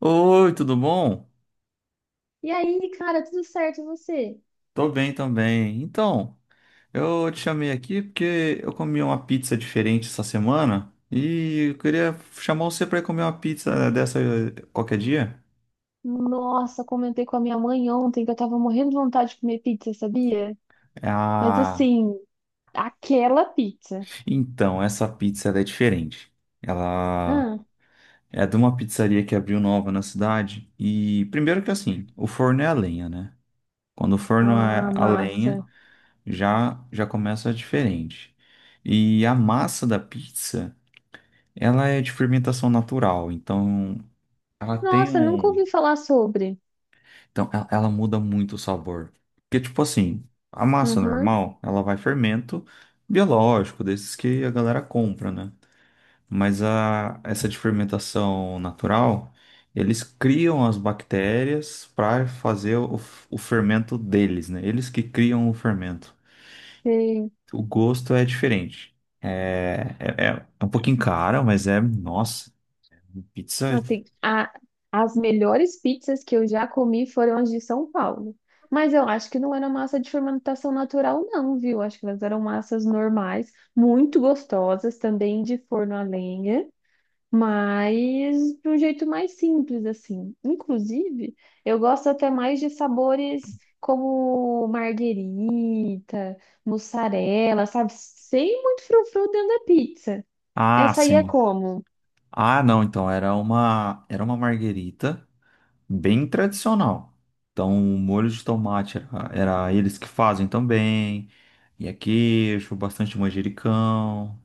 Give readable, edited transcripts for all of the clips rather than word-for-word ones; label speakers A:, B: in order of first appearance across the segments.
A: Oi, tudo bom?
B: E aí, cara, tudo certo, e você?
A: Tô bem também. Então, eu te chamei aqui porque eu comi uma pizza diferente essa semana e eu queria chamar você para comer uma pizza dessa qualquer dia.
B: Nossa, comentei com a minha mãe ontem que eu tava morrendo de vontade de comer pizza, sabia? Mas
A: Ah,
B: assim, aquela pizza.
A: então, essa pizza ela é diferente. Ela
B: Ah,
A: é de uma pizzaria que abriu nova na cidade e primeiro que assim, o forno é a lenha, né? Quando o forno é
B: ah,
A: a lenha,
B: massa.
A: já já começa diferente. E a massa da pizza ela é de fermentação natural, então ela tem
B: Nossa, nunca
A: um.
B: ouvi falar sobre.
A: Então ela muda muito o sabor. Porque, tipo assim, a massa
B: Uhum,
A: normal, ela vai fermento biológico, desses que a galera compra, né? Mas essa de fermentação natural, eles criam as bactérias para fazer o fermento deles, né? Eles que criam o fermento.
B: sei.
A: O gosto é diferente. É um pouquinho caro, mas é. Nossa, pizza.
B: Assim, as melhores pizzas que eu já comi foram as de São Paulo. Mas eu acho que não era massa de fermentação natural, não, viu? Acho que elas eram massas normais, muito gostosas, também de forno a lenha, mas de um jeito mais simples, assim. Inclusive, eu gosto até mais de sabores como marguerita, mussarela, sabe? Sem muito frufru dentro da pizza.
A: Ah,
B: Essa aí é
A: sim.
B: como?
A: Ah, não, então era uma marguerita bem tradicional. Então, o molho de tomate era eles que fazem também. E é queijo, bastante manjericão.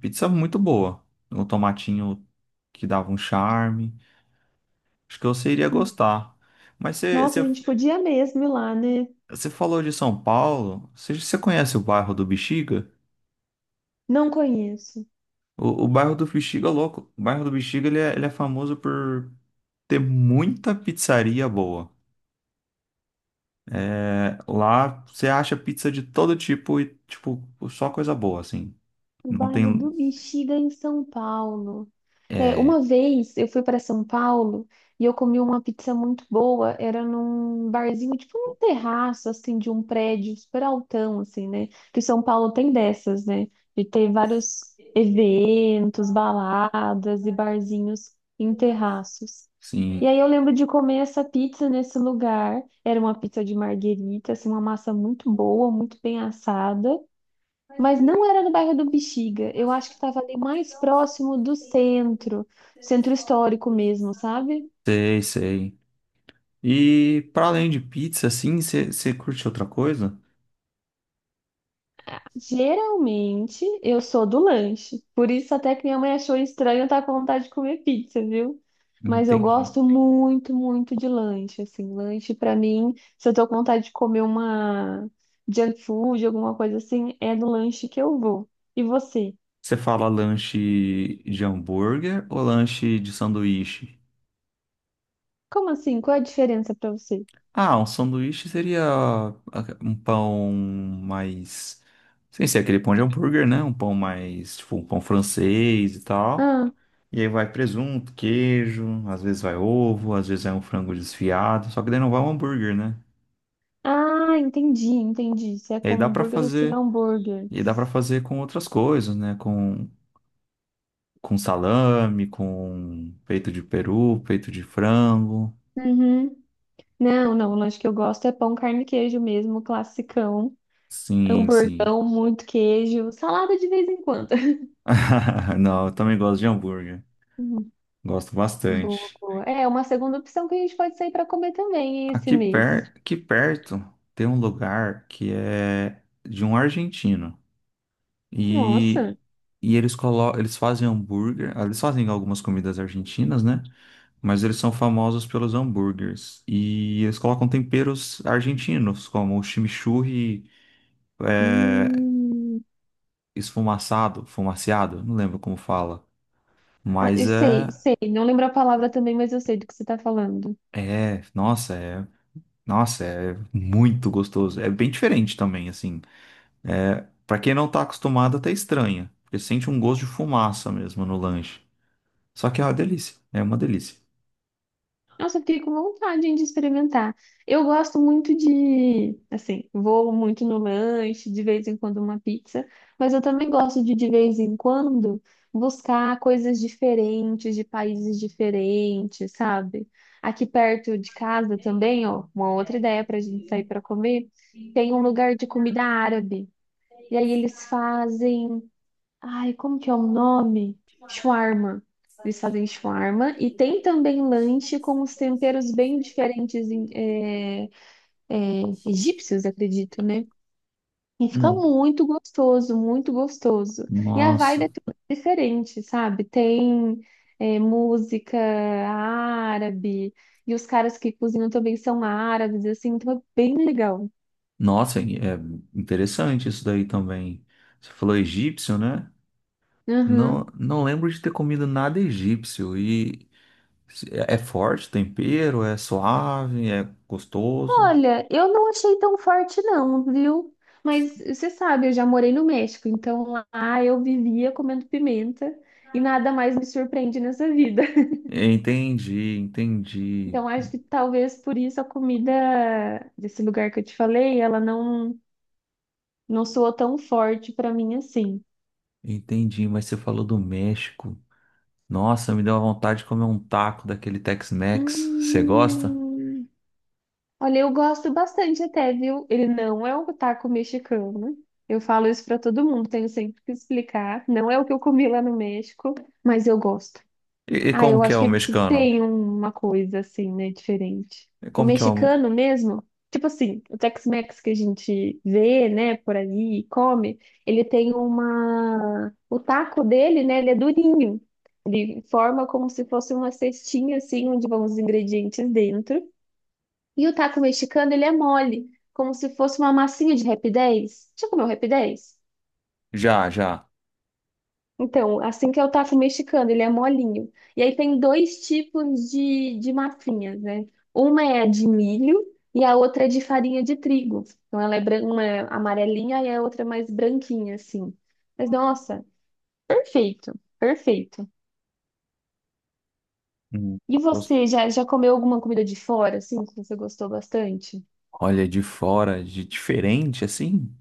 A: Pizza muito boa. Um tomatinho que dava um charme. Acho que você iria gostar. Mas
B: Nossa, a gente podia mesmo ir lá, né?
A: você falou de São Paulo. Você conhece o bairro do Bexiga?
B: Não conheço.
A: O bairro do Bexiga é louco. O bairro do Bexiga ele é famoso por ter muita pizzaria boa. É, lá você acha pizza de todo tipo e, tipo, só coisa boa, assim.
B: O
A: Não
B: bairro do
A: tem.
B: Bexiga, em São Paulo. É,
A: É,
B: uma vez eu fui para São Paulo e eu comi uma pizza muito boa. Era num barzinho, tipo num terraço, assim, de um prédio super altão, assim, né? Que São Paulo tem dessas, né? De ter vários eventos, baladas e barzinhos em terraços. E
A: sim.
B: aí eu lembro de comer essa pizza nesse lugar. Era uma pizza de marguerita, assim, uma massa muito boa, muito bem assada. Mas não era no bairro do Bexiga. Eu acho que estava ali mais próximo do centro, centro histórico mesmo, sabe?
A: Sei, sei. E para além de pizza, assim, você curte outra coisa?
B: Geralmente eu sou do lanche. Por isso até que minha mãe achou estranho eu estar com vontade de comer pizza, viu? Mas eu
A: Entendi.
B: gosto muito, muito de lanche, assim, lanche pra mim, se eu tô com vontade de comer uma junk food, alguma coisa assim, é no lanche que eu vou. E você?
A: Você fala lanche de hambúrguer ou lanche de sanduíche?
B: Como assim? Qual é a diferença pra você?
A: Ah, um sanduíche seria um pão mais. Sem ser aquele pão de hambúrguer, né? Um pão mais. Tipo, um pão francês e tal. E aí vai presunto, queijo, às vezes vai ovo, às vezes é um frango desfiado, só que daí não vai um hambúrguer, né?
B: Ah, entendi, entendi. Se é
A: E aí
B: com hambúrguer ou sem hambúrguer.
A: e dá para fazer com outras coisas, né? Com salame, com peito de peru, peito de frango.
B: Uhum. Não, não, o lanche que eu gosto é pão, carne e queijo mesmo, classicão.
A: Sim, sim.
B: Hamburgão, muito queijo, salada de vez em quando.
A: Não, eu também gosto de hambúrguer.
B: Hum.
A: Gosto
B: Boa,
A: bastante.
B: boa. É uma segunda opção que a gente pode sair para comer também hein, esse mês.
A: Aqui perto tem um lugar que é de um argentino. E,
B: Nossa.
A: eles colocam, eles fazem hambúrguer, eles fazem algumas comidas argentinas, né? Mas eles são famosos pelos hambúrgueres. E eles colocam temperos argentinos, como o chimichurri
B: Hum.
A: esfumaçado, fumaciado, não lembro como fala.
B: Ah, eu
A: Mas
B: sei, sei. Não lembro a palavra também, mas eu sei do que você está falando.
A: nossa, nossa, é muito gostoso. É bem diferente também, assim. É, para quem não tá acostumado, até estranha, porque sente um gosto de fumaça mesmo no lanche. Só que é uma delícia, é uma delícia.
B: Nossa, eu fiquei com vontade, hein, de experimentar. Eu gosto muito de, assim, vou muito no lanche, de vez em quando uma pizza, mas eu também gosto de, vez em quando, buscar coisas diferentes, de países diferentes, sabe? Aqui perto de casa também, ó, uma outra ideia pra gente sair pra comer, tem um lugar de comida árabe. E aí eles fazem... Ai, como que é o nome? Shawarma. Eles fazem shawarma e tem também lanche com os temperos bem diferentes é, egípcios, acredito, né? E fica
A: Não.
B: muito gostoso, muito gostoso. E a vibe é
A: Nossa.
B: toda diferente, sabe? Tem é, música árabe e os caras que cozinham também são árabes, assim, então é bem legal.
A: Nossa, é interessante isso daí também. Você falou egípcio, né? Não, não lembro de ter comido nada egípcio. E é forte o tempero, é suave, é gostoso.
B: Olha, eu não achei tão forte não, viu? Mas você sabe, eu já morei no México, então lá eu vivia comendo pimenta e nada mais me surpreende nessa vida.
A: Entendi, entendi,
B: Então acho que talvez por isso a comida desse lugar que eu te falei, ela não soou tão forte pra mim assim.
A: entendi. Mas você falou do México. Nossa, me deu a vontade de comer um taco daquele Tex-Mex. Você gosta?
B: Hum, olha, eu gosto bastante até, viu? Ele não é um taco mexicano. Eu falo isso pra todo mundo, tenho sempre que explicar. Não é o que eu comi lá no México, mas eu gosto.
A: E,
B: Ah,
A: como
B: eu
A: que é
B: acho
A: o
B: que
A: mexicano?
B: tem uma coisa assim, né, diferente.
A: E
B: O
A: como que é o...
B: mexicano mesmo, tipo assim, o Tex-Mex que a gente vê, né, por aí e come, ele tem uma... O taco dele, né, ele é durinho. Ele forma como se fosse uma cestinha, assim, onde vão os ingredientes dentro. E o taco mexicano, ele é mole, como se fosse uma massinha de Rap 10. Já comeu Rap 10?
A: Já, já.
B: Então, assim que é o taco mexicano, ele é molinho. E aí tem dois tipos de massinhas, né? Uma é a de milho e a outra é de farinha de trigo. Então, ela é uma é amarelinha e a outra é mais branquinha, assim. Mas, nossa, perfeito, perfeito.
A: Hum.
B: E você, já, já comeu alguma comida de fora, assim, que você gostou bastante?
A: Olha, de fora, de diferente, assim.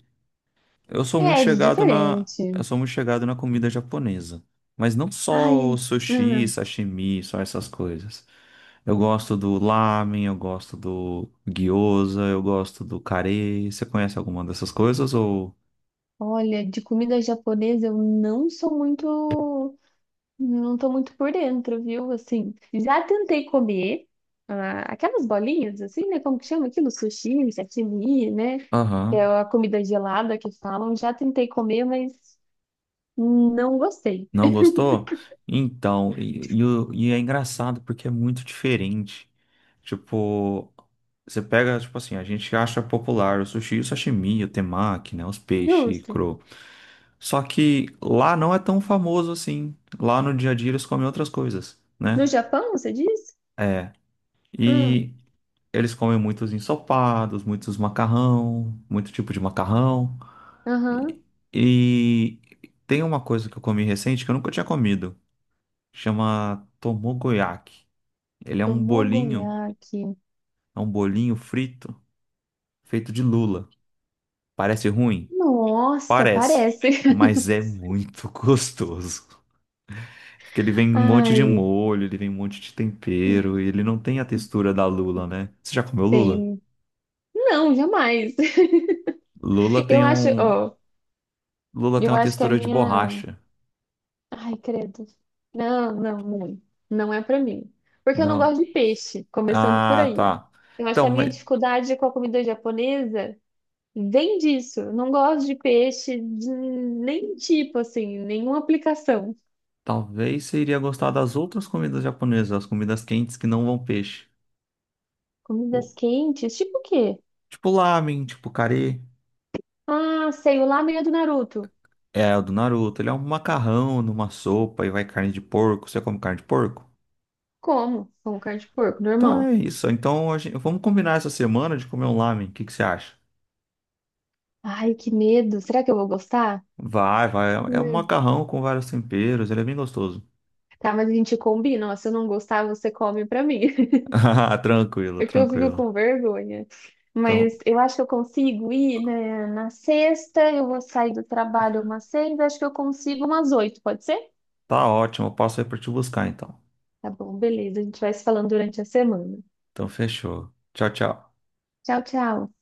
B: É, de
A: Eu
B: diferente.
A: sou muito chegado na comida japonesa, mas não só
B: Ai,
A: o sushi,
B: ah,
A: sashimi, só essas coisas. Eu gosto do lamen, eu gosto do gyoza, eu gosto do kare. Você conhece alguma dessas coisas ou?
B: olha, de comida japonesa eu não sou muito. Não tô muito por dentro, viu? Assim, já tentei comer ah, aquelas bolinhas, assim, né? Como que chama aquilo? Sushi, sashimi, né? Que é
A: Aham.
B: a comida gelada que falam. Já tentei comer, mas não gostei.
A: Não gostou? Então, e é engraçado porque é muito diferente. Tipo, você pega, tipo assim, a gente acha popular o sushi, o sashimi, o temaki, né? Os peixes
B: Justo.
A: cru. Só que lá não é tão famoso assim. Lá no dia a dia eles comem outras coisas,
B: No
A: né?
B: Japão, você diz?
A: É.
B: Hum.
A: E eles comem muitos ensopados, muitos macarrão, muito tipo de macarrão. E,
B: Aham.
A: e tem uma coisa que eu comi recente que eu nunca tinha comido. Chama Tomogoyaki. Ele
B: Tomogoyaki.
A: é um bolinho frito feito de lula. Parece ruim?
B: Nossa,
A: Parece,
B: parece.
A: mas é muito gostoso. Porque ele vem um monte de
B: Ai,
A: molho, ele vem um monte de tempero e ele não tem a textura da lula, né? Você já comeu lula?
B: tem. Não, jamais.
A: Lula
B: Eu
A: tem
B: acho,
A: um,
B: ó,
A: lula tem
B: eu
A: uma
B: acho que a
A: textura de
B: minha...
A: borracha.
B: Ai, credo. Não, não, não. Não é pra mim. Porque eu não
A: Não.
B: gosto de peixe, começando por
A: Ah,
B: aí.
A: tá.
B: Eu acho
A: Então,
B: que a minha
A: mas
B: dificuldade com a comida japonesa vem disso. Eu não gosto de peixe de nem tipo, assim, nenhuma aplicação.
A: talvez você iria gostar das outras comidas japonesas, as comidas quentes que não vão peixe. Tipo
B: Comidas quentes, tipo o quê?
A: tipo lamen, tipo carê.
B: Ah, sei, o lamen do Naruto.
A: É, o do Naruto. Ele é um macarrão numa sopa e vai carne de porco. Você come carne de porco?
B: Como? Como carne de porco,
A: Então
B: normal.
A: é isso. Então a gente- vamos combinar essa semana de comer um lamen. O que que você acha?
B: Ai, que medo. Será que eu vou gostar?
A: Vai, vai. É um
B: Hum.
A: macarrão com vários temperos. Ele é bem gostoso.
B: Tá, mas a gente combina. Ó, se eu não gostar, você come pra mim.
A: Ah, tranquilo,
B: É que eu fico
A: tranquilo.
B: com vergonha. Mas
A: Então
B: eu acho que eu consigo ir, né, na sexta, eu vou sair do trabalho umas seis, acho que eu consigo umas oito, pode ser?
A: tá ótimo. Eu passo aí pra te buscar então.
B: Tá bom, beleza. A gente vai se falando durante a semana.
A: Então fechou. Tchau, tchau.
B: Tchau, tchau.